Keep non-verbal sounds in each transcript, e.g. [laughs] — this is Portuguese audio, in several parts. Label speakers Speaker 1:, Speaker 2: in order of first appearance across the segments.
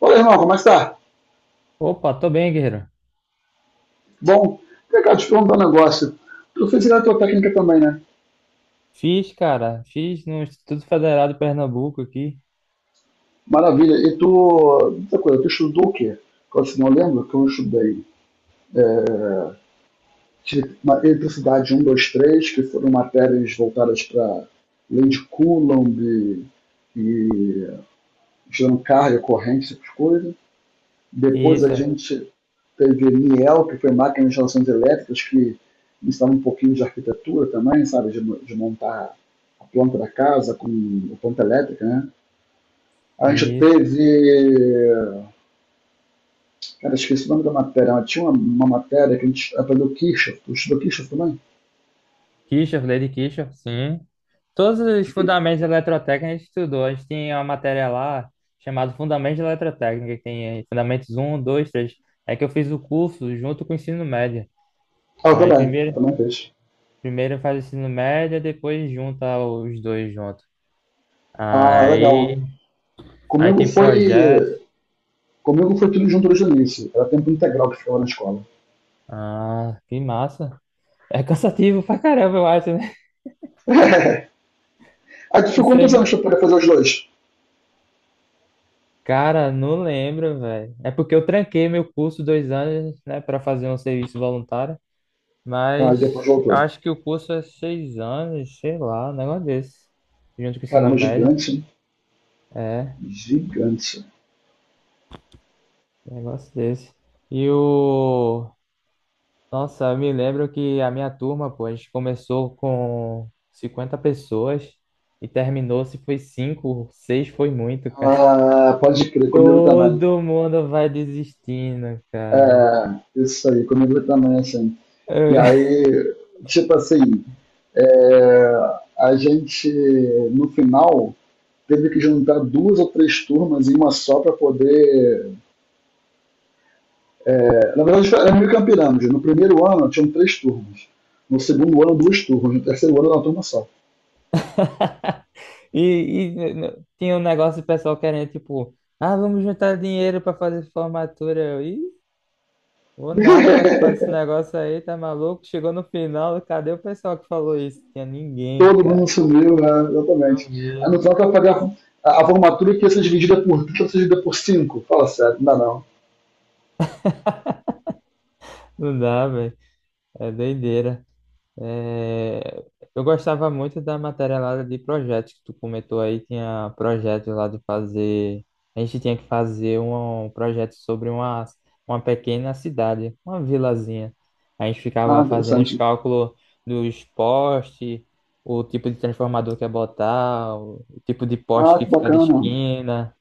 Speaker 1: Olha, irmão, como é que tá?
Speaker 2: Opa, tô bem, guerreiro.
Speaker 1: Bom, vem cá, te perguntar um negócio. Tu fez a tua técnica também, né?
Speaker 2: Fiz, cara, fiz no Instituto Federal de Pernambuco aqui.
Speaker 1: Maravilha. E tu, outra coisa, tu estudou o quê? Eu, assim, não lembro que eu estudei tive uma eletricidade um, 2, 3, que foram matérias voltadas para lei de Coulomb e gerando carga, corrente, essas coisas. Depois a
Speaker 2: Isso,
Speaker 1: gente teve Niel, que foi máquina de instalações elétricas, que instala um pouquinho de arquitetura também, sabe, de montar a planta da casa com a planta elétrica, né? A gente
Speaker 2: isso.
Speaker 1: teve. Cara, esqueci o nome da matéria, mas tinha uma matéria que a gente aprendeu Kirchhoff. Tu estudou Kirchhoff também?
Speaker 2: Kirchhoff, lei de Kirchhoff, sim. Todos os fundamentos de eletrotécnica a gente estudou. A gente tem uma matéria lá chamada Fundamentos de Eletrotécnica, que tem aí fundamentos um, 2, 3. É que eu fiz o curso junto com o ensino médio.
Speaker 1: Ah, eu
Speaker 2: Aí
Speaker 1: também, eu
Speaker 2: primeiro,
Speaker 1: também fez.
Speaker 2: primeiro faz o ensino médio, depois junta os dois juntos.
Speaker 1: Ah, legal.
Speaker 2: Aí, aí
Speaker 1: Comigo
Speaker 2: tem projeto.
Speaker 1: foi. Comigo foi tudo junto desde o início. Era tempo integral que ficava na escola.
Speaker 2: Ah, que massa. É cansativo pra caramba, eu acho.
Speaker 1: [laughs] Aí tu ficou quantos
Speaker 2: Você...
Speaker 1: anos pra poder fazer os dois?
Speaker 2: Cara, não lembro, velho. É porque eu tranquei meu curso dois anos, né, para fazer um serviço voluntário.
Speaker 1: Aí depois
Speaker 2: Mas eu
Speaker 1: voltou.
Speaker 2: acho que o curso é seis anos, sei lá, um negócio desse. Junto com o ensino
Speaker 1: Caramba,
Speaker 2: médio.
Speaker 1: gigante, né?
Speaker 2: É,
Speaker 1: Gigante.
Speaker 2: um negócio desse. E o. Nossa, eu me lembro que a minha turma, pô, a gente começou com 50 pessoas e terminou, se foi cinco, seis foi muito, cara. [laughs]
Speaker 1: Ah, pode crer, comigo também.
Speaker 2: Todo mundo vai desistindo, cara.
Speaker 1: É, isso aí, comigo também, assim. E
Speaker 2: Eu-
Speaker 1: aí, tipo assim, é, a gente, no final, teve que juntar duas ou três turmas em uma só para poder. É, na verdade, era meio que uma pirâmide. No primeiro ano, tinham três turmas. No segundo ano, duas turmas. No terceiro ano, era uma turma só.
Speaker 2: [laughs] Tinha um negócio de pessoal querendo, tipo, ah, vamos juntar dinheiro pra fazer formatura. Eu, Ih, vou nada participar
Speaker 1: [laughs]
Speaker 2: desse negócio aí, tá maluco? Chegou no final, cadê o pessoal que falou isso? Tinha ninguém,
Speaker 1: Todo
Speaker 2: cara.
Speaker 1: mundo sumiu, né? Exatamente.
Speaker 2: Eu
Speaker 1: A
Speaker 2: vi.
Speaker 1: no final, tu vai pagar a formatura que ia ser dividida por 3, dividida por 5. Fala sério, não dá não.
Speaker 2: Não dá, velho. É doideira. É, eu gostava muito da matéria lá de projetos que tu comentou aí, tinha projetos lá de fazer, a gente tinha que fazer um projeto sobre uma pequena cidade, uma vilazinha. A gente
Speaker 1: Ah,
Speaker 2: ficava fazendo os
Speaker 1: interessante.
Speaker 2: cálculos dos postes, o tipo de transformador que ia botar, o tipo de
Speaker 1: Ah,
Speaker 2: poste que
Speaker 1: que
Speaker 2: fica de
Speaker 1: bacana.
Speaker 2: esquina,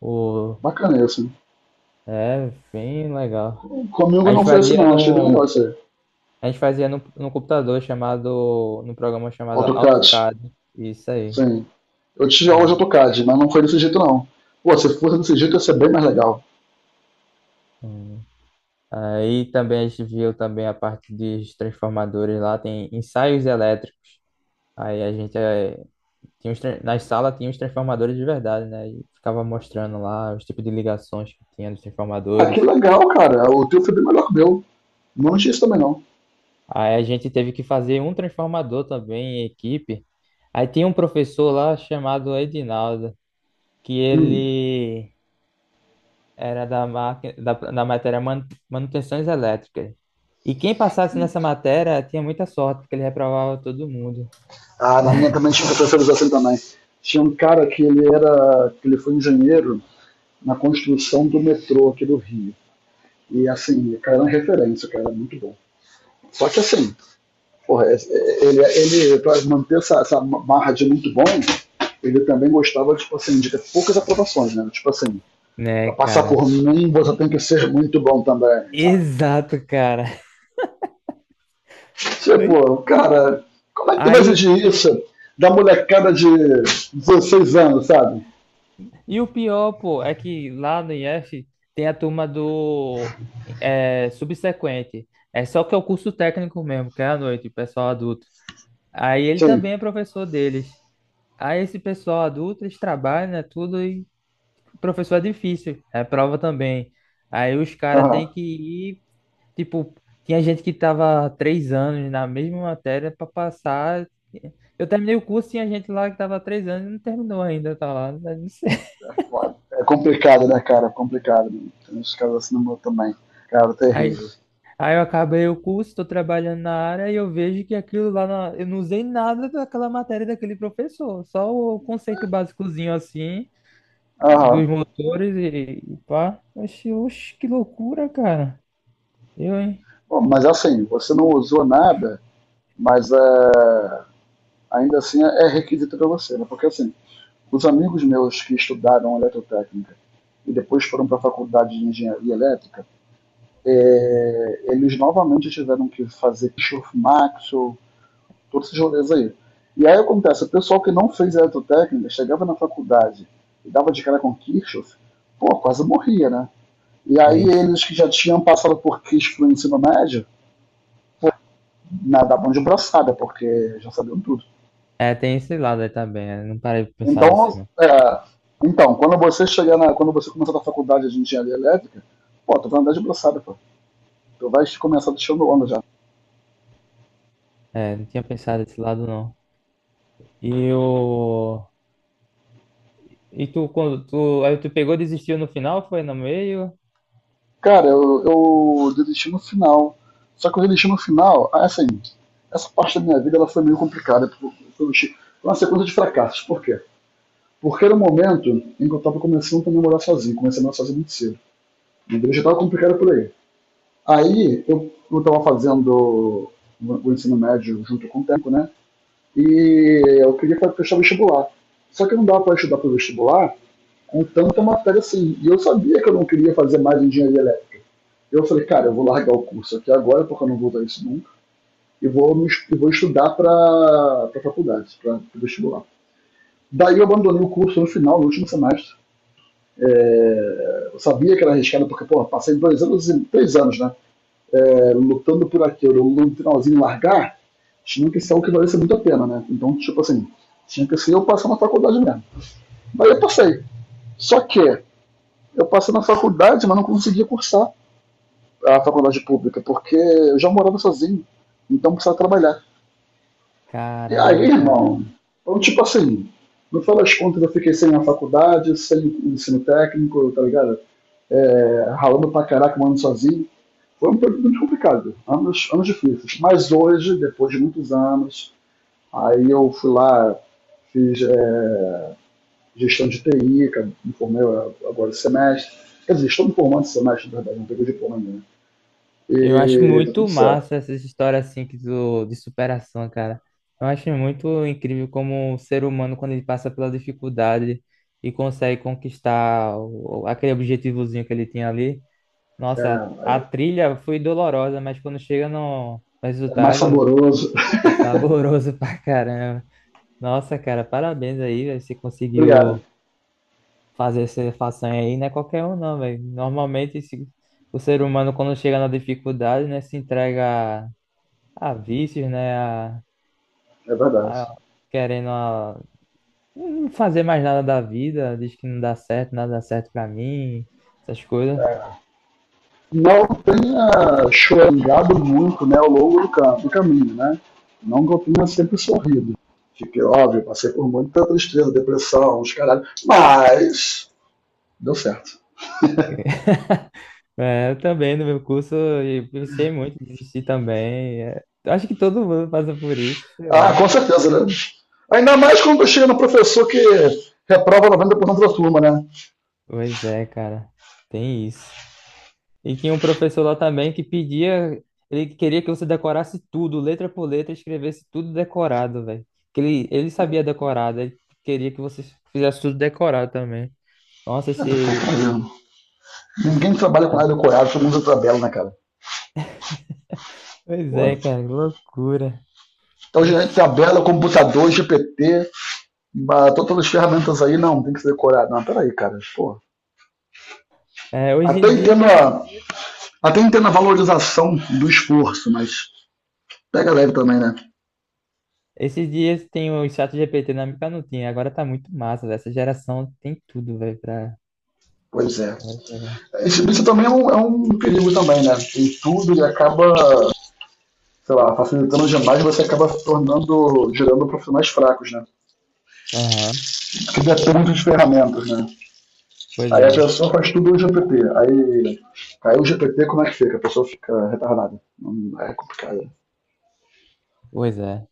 Speaker 2: o...
Speaker 1: Bacana isso.
Speaker 2: É, bem legal.
Speaker 1: Comigo
Speaker 2: A gente
Speaker 1: não foi assim,
Speaker 2: fazia
Speaker 1: não. Achei bem
Speaker 2: no
Speaker 1: legal isso aí.
Speaker 2: a gente fazia no, no computador chamado, num programa chamado
Speaker 1: AutoCAD.
Speaker 2: AutoCAD, isso aí.
Speaker 1: Sim. Eu tive aula de
Speaker 2: Aí,
Speaker 1: AutoCAD, mas não foi desse jeito, não. Pô, se fosse desse jeito, ia ser bem mais legal.
Speaker 2: hum. Aí também a gente viu também a parte dos transformadores lá, tem ensaios elétricos. Aí a gente, tinha na sala tinha os transformadores de verdade, né? E ficava mostrando lá os tipos de ligações que tinha dos
Speaker 1: Ah, que
Speaker 2: transformadores.
Speaker 1: legal, cara. O teu foi bem melhor que o meu. Não tinha isso também, não.
Speaker 2: Aí a gente teve que fazer um transformador também em equipe. Aí tinha um professor lá chamado Edinaldo, que
Speaker 1: Hum.
Speaker 2: ele era máquina, da matéria manutenções elétricas. E quem passasse nessa matéria tinha muita sorte, porque ele reprovava todo mundo.
Speaker 1: Ah, na minha
Speaker 2: [laughs]
Speaker 1: também tinha professores assim também. Tinha um cara que ele era. Que ele foi engenheiro, na construção do metrô aqui do Rio. E assim, o cara era uma referência, o cara era muito bom. Só que assim, porra, ele para manter essa marra de muito bom, ele também gostava tipo assim, de ter poucas aprovações, né? Tipo assim,
Speaker 2: Né,
Speaker 1: para passar por
Speaker 2: cara?
Speaker 1: mim você tem que ser muito bom também, sabe?
Speaker 2: Exato, cara.
Speaker 1: Você, pô
Speaker 2: [laughs]
Speaker 1: cara, como é que tu vai
Speaker 2: Aí,
Speaker 1: exigir isso da molecada de 16 anos, sabe?
Speaker 2: e o pior, pô, é que lá no IF tem a turma do é, subsequente. É só que é o curso técnico mesmo, que é à noite, o pessoal adulto. Aí ele
Speaker 1: Sim,
Speaker 2: também é professor deles. Aí esse pessoal adulto, eles trabalham, né, tudo, e professor é difícil, é prova também. Aí os caras
Speaker 1: aham.
Speaker 2: têm que ir, tipo, tinha gente que tava três anos na mesma matéria para passar. Eu terminei o curso, tinha gente lá que tava três anos e não terminou ainda, tá lá. Né, não sei. [laughs]
Speaker 1: É foda. É complicado, né, cara? É complicado. Né? Tem uns caras assim no meu também. Cara,
Speaker 2: Aí,
Speaker 1: terrível.
Speaker 2: aí eu acabei o curso, estou trabalhando na área e eu vejo que aquilo lá, eu não usei nada daquela matéria daquele professor, só o conceito básicozinho assim,
Speaker 1: Aham.
Speaker 2: dos motores e pá. Oxi, oxi, que loucura, cara. Eu, hein?
Speaker 1: Bom, mas assim, você não usou nada, mas é, ainda assim é requisito para você, né? Porque assim, os amigos meus que estudaram eletrotécnica e depois foram para a faculdade de engenharia elétrica, é, eles novamente tiveram que fazer Kirchhoff Maxwell, todos esses rolês aí. E aí acontece, o pessoal que não fez eletrotécnica chegava na faculdade e dava de cara com Kirchhoff, pô, quase morria, né? E aí
Speaker 2: É,
Speaker 1: eles que já tinham passado por Kirchhoff no ensino médio, na, da mão de braçada, porque já sabiam tudo.
Speaker 2: É, tem esse lado aí também. Né? Não parei de pensar nisso,
Speaker 1: Então,
Speaker 2: não.
Speaker 1: é, então quando você chegar na, quando você começar na faculdade de engenharia elétrica, pô, tu vai andar de braçada, pô. Tu vai começar deixando onda já.
Speaker 2: É, não tinha pensado nesse lado, não. E o... E tu, quando tu... Aí tu pegou e desistiu no final, foi no meio?
Speaker 1: Cara, eu desisti no final. Só que eu desisti no final, assim, essa parte da minha vida ela foi meio complicada. Foi uma sequência de fracassos. Por quê? Porque era o um momento em que eu estava começando a namorar sozinho, comecei a namorar sozinho muito cedo. Então já estava complicado por aí. Aí eu estava fazendo o ensino médio junto com o tempo, né? E eu queria prestar vestibular. Só que não dava para estudar para o vestibular com tanta matéria assim. E eu sabia que eu não queria fazer mais engenharia elétrica. Eu falei, cara, eu vou largar o curso aqui agora, porque eu não vou usar isso nunca, e vou estudar para a faculdade, para o vestibular. Daí eu abandonei o curso no final, no último semestre. É, eu sabia que era arriscado, porque, pô, passei 2 anos, 3 anos, né? Então, lutando por aquilo, ou no finalzinho largar, tinha que ser algo que valesse muito a pena, né? Então, tipo assim, tinha que ser eu passar na faculdade mesmo. Mas eu passei. Só que eu passei na faculdade, mas não conseguia cursar a faculdade pública, porque eu já morava sozinho, então precisava trabalhar. E aí,
Speaker 2: Caraca, velho.
Speaker 1: irmão, então, tipo assim, no final das contas eu fiquei sem a faculdade, sem o ensino técnico, tá ligado? É, ralando pra caraca, morando sozinho. Foi um período muito complicado, anos, anos difíceis. Mas hoje, depois de muitos anos, aí eu fui lá, fiz gestão de TI, que eu me formei agora esse semestre. Quer dizer, estou me formando esse semestre, na verdade, não peguei diploma ainda. Né?
Speaker 2: Eu acho
Speaker 1: E tá tudo
Speaker 2: muito
Speaker 1: certo.
Speaker 2: massa essas histórias, assim, que tu... de superação, cara. Eu acho muito incrível como o ser humano, quando ele passa pela dificuldade e consegue conquistar aquele objetivozinho que ele tinha ali. Nossa, a
Speaker 1: É,
Speaker 2: trilha foi dolorosa, mas quando chega no
Speaker 1: é mais
Speaker 2: resultado...
Speaker 1: saboroso. [laughs]
Speaker 2: É saboroso [laughs] pra caramba. Nossa, cara, parabéns aí, velho. Você
Speaker 1: Obrigado,
Speaker 2: conseguiu fazer essa façanha aí. Não é qualquer um, não, velho. Normalmente, o ser humano, quando chega na dificuldade, né, se entrega a vícios,
Speaker 1: é verdade.
Speaker 2: a- querendo não fazer mais nada da vida. Diz que não dá certo, nada dá certo pra mim, essas coisas.
Speaker 1: Não tenha choringado muito né, ao longo do caminho, né? Não que eu tenha sempre sorrido. Fiquei óbvio, passei por muita tristeza, depressão, os caralhos, mas deu certo.
Speaker 2: É, eu também, no meu curso, eu pensei muito em desistir também. É, eu acho que todo mundo passa por isso, sei
Speaker 1: Ah,
Speaker 2: lá.
Speaker 1: com certeza, né? Ainda mais quando chega no professor que reprova 90% da turma, né?
Speaker 2: Pois é, cara. Tem isso. E tinha um professor lá também que pedia, ele queria que você decorasse tudo, letra por letra, escrevesse tudo decorado, velho. Que ele sabia decorar, daí ele queria que você fizesse tudo decorado também. Nossa, esse.
Speaker 1: Ninguém trabalha com nada decorado, todo mundo usa tabela, né, cara?
Speaker 2: Pois
Speaker 1: Pô,
Speaker 2: é, cara, que loucura.
Speaker 1: então, gente,
Speaker 2: Oxi.
Speaker 1: tabela, computador, GPT, todas as ferramentas aí, não, tem que ser decorado. Não, peraí, cara, pô.
Speaker 2: É, hoje
Speaker 1: Até
Speaker 2: em dia
Speaker 1: entendo,
Speaker 2: tem.
Speaker 1: a, até entendo a valorização do esforço, mas pega leve também, né?
Speaker 2: Esses dias tem o chat GPT, na época não tinha, agora tá muito massa, velho. Essa geração tem tudo, velho, pra.
Speaker 1: Pois é.
Speaker 2: Pra pegar.
Speaker 1: Esse bicho também é um perigo também, né? Tem tudo e acaba sei lá, facilitando demais, você acaba se tornando, gerando profissionais fracos, né?
Speaker 2: Aham,
Speaker 1: Que dependem de ferramentas, né?
Speaker 2: Pois
Speaker 1: Aí a
Speaker 2: é,
Speaker 1: pessoa faz tudo no GPT. Aí caiu o GPT, como é que fica? A pessoa fica retardada. É complicado.
Speaker 2: pois é.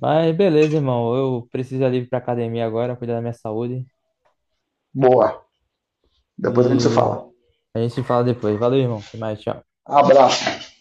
Speaker 2: Mas beleza, irmão. Eu preciso ali ir ali pra academia agora, cuidar da minha saúde.
Speaker 1: Boa. Depois a gente se
Speaker 2: E
Speaker 1: fala.
Speaker 2: a gente se fala depois. Valeu, irmão. Até mais. Tchau.
Speaker 1: Abraço.